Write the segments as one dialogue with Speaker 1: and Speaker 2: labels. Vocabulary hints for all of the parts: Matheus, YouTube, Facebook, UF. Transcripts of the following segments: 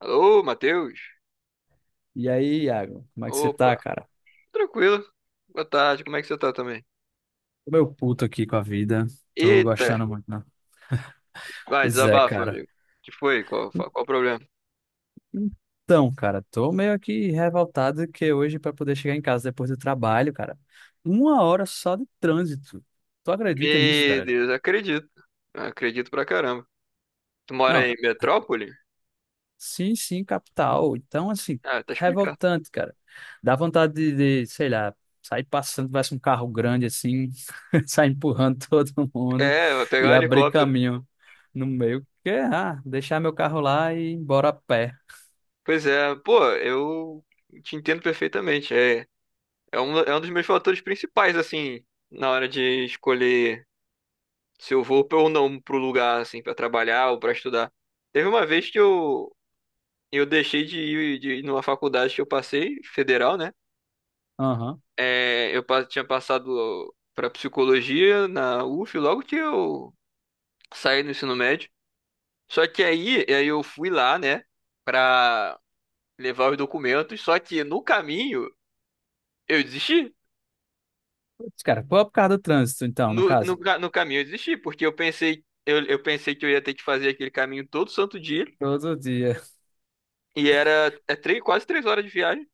Speaker 1: Alô, Matheus?
Speaker 2: E aí, Iago, como é que você tá,
Speaker 1: Opa,
Speaker 2: cara?
Speaker 1: tranquilo. Boa tarde, como é que você tá também?
Speaker 2: Tô meio puto aqui com a vida. Tô
Speaker 1: Eita,
Speaker 2: gostando muito, não.
Speaker 1: vai,
Speaker 2: Pois é,
Speaker 1: desabafa,
Speaker 2: cara.
Speaker 1: amigo. O Que foi? Qual o problema?
Speaker 2: Então, cara, tô meio aqui revoltado que hoje pra poder chegar em casa depois do trabalho, cara, uma hora só de trânsito. Tu acredita nisso,
Speaker 1: Meu
Speaker 2: cara?
Speaker 1: Deus, acredito. Acredito pra caramba. Tu mora
Speaker 2: Não,
Speaker 1: em Metrópole?
Speaker 2: sim, sim, capital. Então, assim,
Speaker 1: Ah, tá explicado.
Speaker 2: revoltante, cara. Dá vontade de, sei lá, sair passando, tivesse um carro grande assim, sair empurrando todo mundo
Speaker 1: É, vai pegar
Speaker 2: e
Speaker 1: um
Speaker 2: abrir
Speaker 1: helicóptero.
Speaker 2: caminho no meio. Que, ah, deixar meu carro lá e ir embora a pé.
Speaker 1: Pois é, pô, eu te entendo perfeitamente. É um dos meus fatores principais, assim, na hora de escolher se eu vou ou não pro lugar, assim, pra trabalhar ou pra estudar. Teve uma vez que eu deixei de ir numa faculdade que eu passei, federal, né?
Speaker 2: Aham.
Speaker 1: Eu tinha passado para psicologia na UF logo que eu saí do ensino médio. Só que aí eu fui lá, né, pra levar os documentos. Só que no caminho eu desisti.
Speaker 2: Putz, cara, pô, por causa do trânsito, então, no
Speaker 1: No,
Speaker 2: caso.
Speaker 1: no, ca- no caminho eu desisti, porque eu pensei que eu ia ter que fazer aquele caminho todo santo dia.
Speaker 2: Todo dia.
Speaker 1: E quase 3 horas de viagem.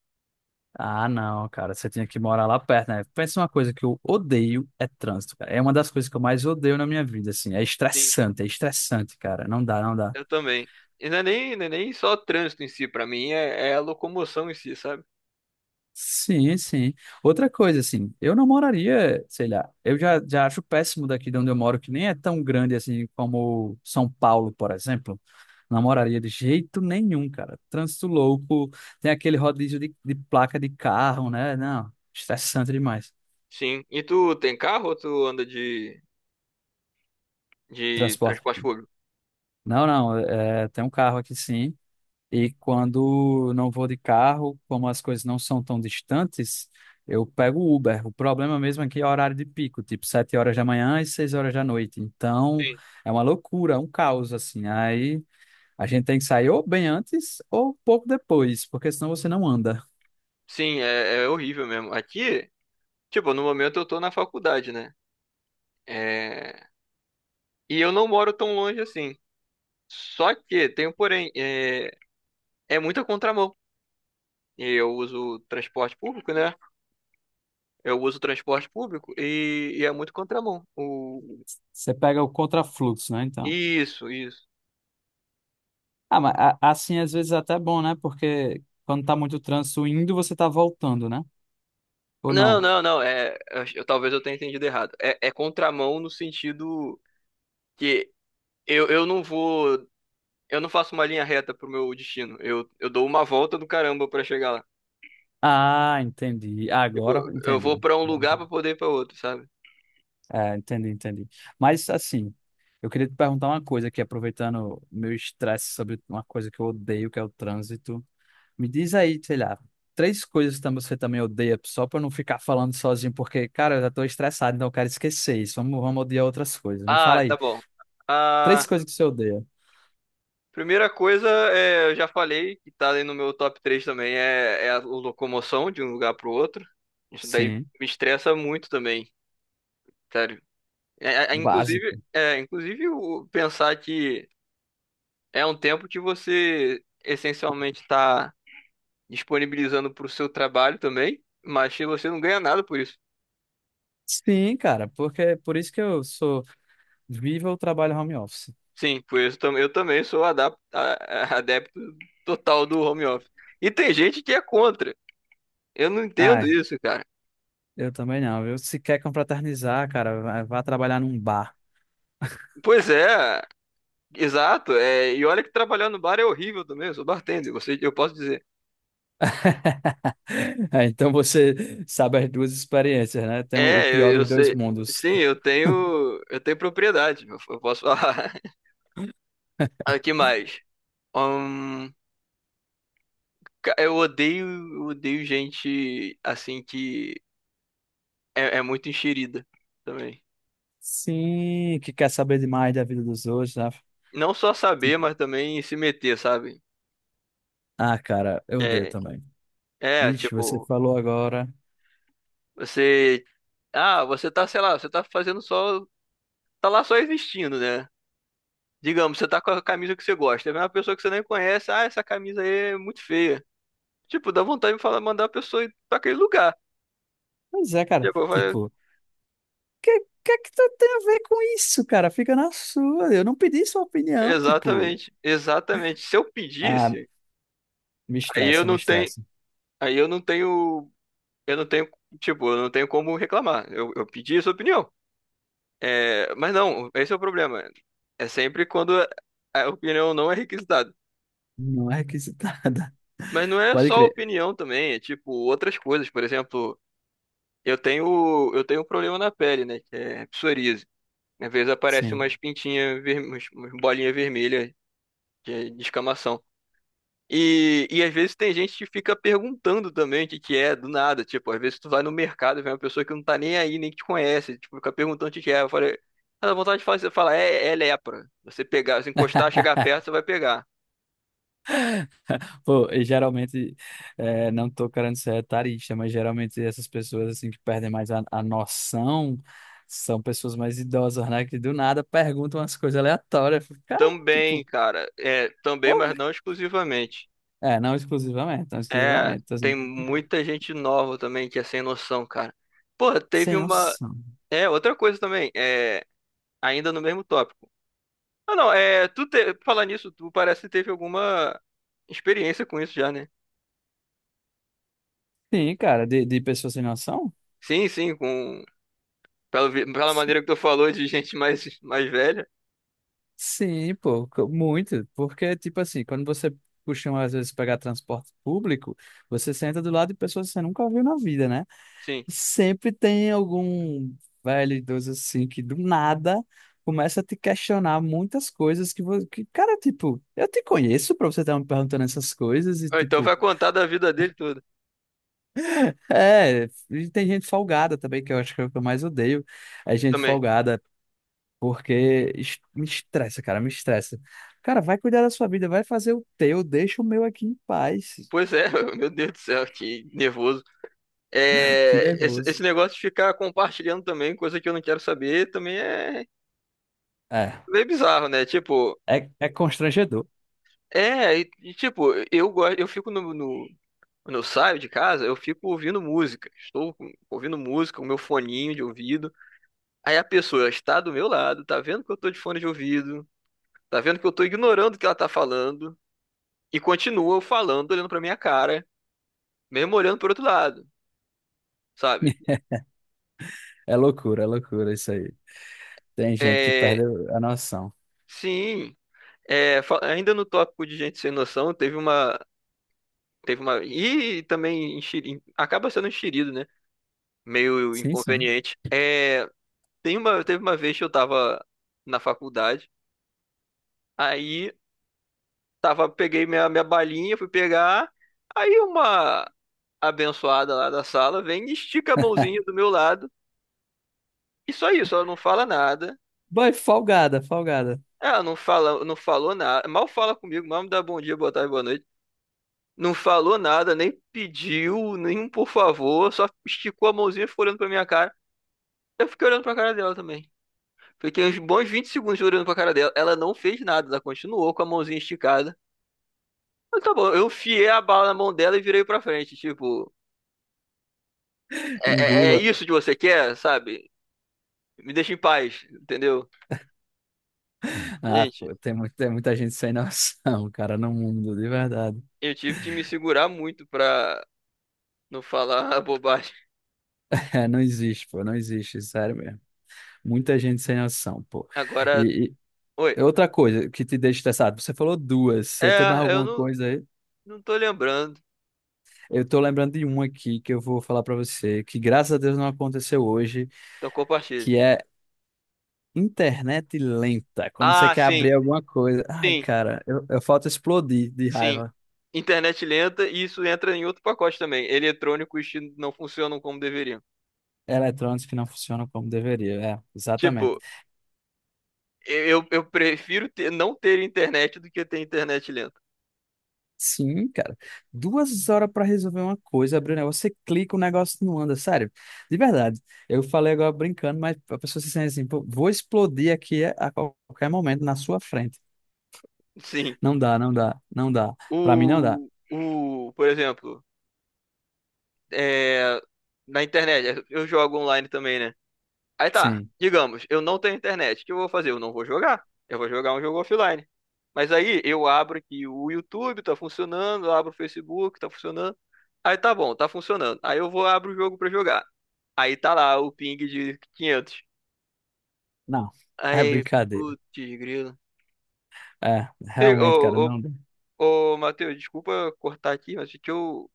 Speaker 2: Ah, não, cara, você tinha que morar lá perto, né? Pensa, uma coisa que eu odeio é trânsito, cara. É uma das coisas que eu mais odeio na minha vida, assim. É estressante, cara. Não dá, não dá.
Speaker 1: Eu também. E não é nem só trânsito em si, pra mim é a locomoção em si, sabe?
Speaker 2: Sim, sim. Outra coisa, assim, eu não moraria, sei lá, eu já acho péssimo daqui de onde eu moro, que nem é tão grande assim como São Paulo, por exemplo. Não moraria de jeito nenhum, cara. Trânsito louco, tem aquele rodízio de placa de carro, né? Não, estressante demais.
Speaker 1: Sim. E tu tem carro ou tu anda de
Speaker 2: Transporte.
Speaker 1: transporte público?
Speaker 2: Não, não, é, tem um carro aqui sim. E quando não vou de carro, como as coisas não são tão distantes, eu pego o Uber. O problema mesmo aqui é o horário de pico, tipo 7 horas da manhã e 6 horas da noite. Então,
Speaker 1: Sim.
Speaker 2: é uma loucura, é um caos, assim. Aí a gente tem que sair ou bem antes ou um pouco depois, porque senão você não anda.
Speaker 1: Sim, é horrível mesmo. Aqui, tipo, no momento eu tô na faculdade, né? É... E eu não moro tão longe assim. Só que, tem um porém, é muita contramão. E eu uso transporte público, né? Eu uso transporte público e é muito contramão.
Speaker 2: Você pega o contrafluxo, né? Então.
Speaker 1: Isso, isso.
Speaker 2: Ah, mas assim às vezes é até bom, né? Porque quando tá muito trânsito indo, você tá voltando, né? Ou
Speaker 1: Não,
Speaker 2: não?
Speaker 1: não, não. Talvez eu tenha entendido errado. É contramão no sentido que eu não vou. Eu não faço uma linha reta pro meu destino. Eu dou uma volta do caramba pra chegar lá.
Speaker 2: Ah, entendi.
Speaker 1: Tipo,
Speaker 2: Agora
Speaker 1: eu
Speaker 2: entendi.
Speaker 1: vou pra um lugar pra poder ir pra outro, sabe?
Speaker 2: É, entendi, entendi. Mas assim, eu queria te perguntar uma coisa aqui, aproveitando meu estresse sobre uma coisa que eu odeio, que é o trânsito. Me diz aí, sei lá, 3 coisas que você também odeia, só para eu não ficar falando sozinho, porque, cara, eu já tô estressado, então eu quero esquecer isso. Vamos, vamos odiar outras coisas. Me fala
Speaker 1: Ah,
Speaker 2: aí,
Speaker 1: tá bom.
Speaker 2: três
Speaker 1: A
Speaker 2: coisas que você odeia.
Speaker 1: primeira coisa, eu já falei, que tá ali no meu top 3 também, é a locomoção de um lugar pro outro. Isso daí
Speaker 2: Sim,
Speaker 1: me estressa muito também, sério.
Speaker 2: básico.
Speaker 1: Inclusive o pensar que. É um tempo que você essencialmente está disponibilizando para o seu trabalho também, mas que você não ganha nada por isso.
Speaker 2: Sim, cara, porque por isso que eu sou vivo ou trabalho home office.
Speaker 1: Sim, por isso eu também sou adepto total do home office. E tem gente que é contra. Eu não
Speaker 2: Ah,
Speaker 1: entendo
Speaker 2: é.
Speaker 1: isso, cara.
Speaker 2: Eu também não. Eu se quer confraternizar, cara, vá trabalhar num bar.
Speaker 1: Pois é, exato. E olha que trabalhar no bar é horrível também. Eu sou bartender, eu posso dizer.
Speaker 2: Ah, então você sabe as duas experiências, né? Tem o
Speaker 1: É,
Speaker 2: pior
Speaker 1: eu, eu
Speaker 2: dos dois
Speaker 1: sei.
Speaker 2: mundos.
Speaker 1: Sim, eu tenho propriedade. Eu posso falar. Aqui mais. Um, Ca- Eu odeio, eu odeio gente assim que é muito enxerida também.
Speaker 2: Sim, que quer saber demais da vida dos outros, né?
Speaker 1: Não só saber,
Speaker 2: Tipo,
Speaker 1: mas também se meter, sabe?
Speaker 2: ah, cara, eu odeio
Speaker 1: É,
Speaker 2: também.
Speaker 1: é,
Speaker 2: Vixe, você
Speaker 1: tipo,
Speaker 2: falou agora.
Speaker 1: você. Ah, você tá, sei lá, você tá fazendo só. Tá lá só existindo, né? Digamos, você tá com a camisa que você gosta. Vem uma pessoa que você nem conhece, ah, essa camisa aí é muito feia. Tipo, dá vontade de falar, mandar a pessoa ir pra aquele lugar.
Speaker 2: Pois é, cara.
Speaker 1: Tipo, eu falei,
Speaker 2: Tipo, que que é que tu tem a ver com isso, cara? Fica na sua. Eu não pedi sua opinião, tipo.
Speaker 1: exatamente, exatamente. Se eu
Speaker 2: Ah,
Speaker 1: pedisse,
Speaker 2: me
Speaker 1: aí eu
Speaker 2: estressa, me
Speaker 1: não tenho.
Speaker 2: estressa.
Speaker 1: Aí eu não tenho. Eu não tenho, eu não tenho como reclamar. Eu pedi a sua opinião. É, mas não, esse é o problema. É sempre quando a opinião não é requisitada.
Speaker 2: Não é requisitada.
Speaker 1: Mas não é
Speaker 2: Pode
Speaker 1: só
Speaker 2: crer.
Speaker 1: opinião também, é tipo outras coisas. Por exemplo, eu tenho um problema na pele, né? Que é psoríase. Às vezes aparece
Speaker 2: Sim.
Speaker 1: umas pintinhas, umas bolinhas vermelhas de escamação. E às vezes tem gente que fica perguntando também o que que é do nada. Tipo, às vezes tu vai no mercado e vê uma pessoa que não tá nem aí, nem que te conhece. Tipo, fica perguntando o que que é. Eu falei, ah, dá vontade de falar, você fala, é lepra. Você pegar, se encostar, chegar perto, você vai pegar.
Speaker 2: Pô, e geralmente, é, não tô querendo ser etarista, mas geralmente essas pessoas assim que perdem mais a noção são pessoas mais idosas, né? Que do nada perguntam umas coisas aleatórias. Eu fico, cara,
Speaker 1: Também,
Speaker 2: tipo,
Speaker 1: cara, também,
Speaker 2: porra.
Speaker 1: mas não exclusivamente.
Speaker 2: É, não exclusivamente, não
Speaker 1: É,
Speaker 2: exclusivamente. Tô
Speaker 1: tem
Speaker 2: assim,
Speaker 1: muita gente nova também que é sem noção, cara. Porra, teve
Speaker 2: sem
Speaker 1: uma.
Speaker 2: noção.
Speaker 1: Outra coisa também, ainda no mesmo tópico. Ah, não, falar nisso, tu parece que teve alguma experiência com isso já, né?
Speaker 2: Sim, cara, de pessoas sem noção?
Speaker 1: Sim, sim, pela maneira que tu falou de gente mais velha.
Speaker 2: Sim, pô, muito. Porque, tipo assim, quando você costuma às vezes pegar transporte público, você senta do lado de pessoas que você nunca viu na vida, né?
Speaker 1: Sim.
Speaker 2: Sempre tem algum velho idoso assim que do nada começa a te questionar muitas coisas que, que cara, tipo, eu te conheço pra você estar me perguntando essas coisas e,
Speaker 1: Ah, então
Speaker 2: tipo,
Speaker 1: vai contar da vida dele toda
Speaker 2: é, e tem gente folgada também, que eu acho que é o que eu mais odeio, é gente
Speaker 1: também.
Speaker 2: folgada, porque me estressa. Cara, vai cuidar da sua vida, vai fazer o teu, deixa o meu aqui em paz.
Speaker 1: Pois é, meu Deus do céu, que nervoso.
Speaker 2: Que
Speaker 1: Esse
Speaker 2: nervoso.
Speaker 1: negócio de ficar compartilhando também coisa que eu não quero saber também é
Speaker 2: É,
Speaker 1: meio bizarro, né? Tipo,
Speaker 2: é constrangedor.
Speaker 1: eu fico no, no quando eu saio de casa, eu fico ouvindo música. Estou ouvindo música, o meu foninho de ouvido. Aí a pessoa está do meu lado, tá vendo que eu tô de fone de ouvido, tá vendo que eu tô ignorando o que ela tá falando, e continua falando, olhando pra minha cara, mesmo olhando pro outro lado, sabe?
Speaker 2: É loucura isso aí. Tem gente que perde
Speaker 1: É,
Speaker 2: a noção.
Speaker 1: sim, ainda no tópico de gente sem noção, teve uma, e também acaba sendo enxerido, né? Meio
Speaker 2: Sim, sim.
Speaker 1: inconveniente. Teve uma vez que eu tava na faculdade, aí peguei minha balinha, fui pegar, aí uma abençoada lá da sala vem e estica a mãozinha do meu lado. E só isso, ela não fala nada.
Speaker 2: Boy, folgada, folgada.
Speaker 1: Ela não falou nada. Mal fala comigo, mal me dá bom dia, boa tarde, boa noite. Não falou nada, nem pediu, nem um por favor, só esticou a mãozinha e ficou olhando pra minha cara. Eu fiquei olhando pra cara dela também. Fiquei uns bons 20 segundos olhando pra cara dela. Ela não fez nada, ela continuou com a mãozinha esticada. Eu, tá bom, eu enfiei a bala na mão dela e virei pra frente. Tipo, é
Speaker 2: Engula.
Speaker 1: isso que você quer, sabe? Me deixa em paz, entendeu?
Speaker 2: Ah,
Speaker 1: Gente,
Speaker 2: pô, tem, tem muita gente sem noção, cara, no mundo, de verdade.
Speaker 1: eu tive que me segurar muito pra não falar a bobagem.
Speaker 2: É, não existe, pô, não existe, sério mesmo. Muita gente sem noção, pô.
Speaker 1: Agora,
Speaker 2: E,
Speaker 1: oi.
Speaker 2: e outra coisa que te deixa estressado, você falou duas, você tem mais
Speaker 1: É, eu
Speaker 2: alguma
Speaker 1: não,
Speaker 2: coisa aí?
Speaker 1: não tô lembrando.
Speaker 2: Eu tô lembrando de uma aqui que eu vou falar pra você, que graças a Deus não aconteceu hoje,
Speaker 1: Então compartilhe.
Speaker 2: que é internet lenta. Quando você
Speaker 1: Ah,
Speaker 2: quer
Speaker 1: sim,
Speaker 2: abrir alguma coisa, ai,
Speaker 1: sim,
Speaker 2: cara, eu falto explodir de
Speaker 1: sim.
Speaker 2: raiva.
Speaker 1: Internet lenta e isso entra em outro pacote também. Eletrônicos que não funcionam como deveriam.
Speaker 2: Eletrônicos que não funcionam como deveria. É, exatamente.
Speaker 1: Tipo, eu prefiro não ter internet do que ter internet lenta.
Speaker 2: Sim, cara. 2 horas para resolver uma coisa, abrir um negócio, você clica, o negócio não anda, sério. De verdade. Eu falei agora brincando, mas a pessoa se sente assim, pô, vou explodir aqui a qualquer momento na sua frente.
Speaker 1: Sim.
Speaker 2: Não dá, não dá, não dá. Para mim não dá.
Speaker 1: Por exemplo, é, na internet, eu jogo online também, né? Aí tá,
Speaker 2: Sim.
Speaker 1: digamos, eu não tenho internet. O que eu vou fazer? Eu não vou jogar. Eu vou jogar um jogo offline. Mas aí eu abro aqui o YouTube, tá funcionando, eu abro o Facebook, tá funcionando. Aí tá bom, tá funcionando. Aí eu vou abro o jogo pra jogar. Aí tá lá o ping de 500.
Speaker 2: Não. É
Speaker 1: Aí,
Speaker 2: brincadeira.
Speaker 1: putz, grilo.
Speaker 2: É,
Speaker 1: Ei,
Speaker 2: realmente, cara,
Speaker 1: Ô,
Speaker 2: não dá.
Speaker 1: ô, ô, Matheus, desculpa cortar aqui, mas é que eu,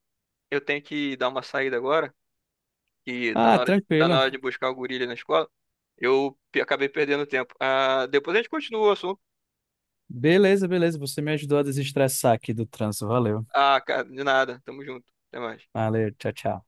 Speaker 1: eu tenho que dar uma saída agora, que tá na
Speaker 2: Ah,
Speaker 1: hora de, tá
Speaker 2: tranquilo.
Speaker 1: na hora de buscar o gorila na escola. Acabei perdendo tempo. Ah, depois a gente continua o assunto.
Speaker 2: Beleza, beleza. Você me ajudou a desestressar aqui do trânsito. Valeu.
Speaker 1: Ah, cara, de nada. Tamo junto. Até mais.
Speaker 2: Valeu, tchau, tchau.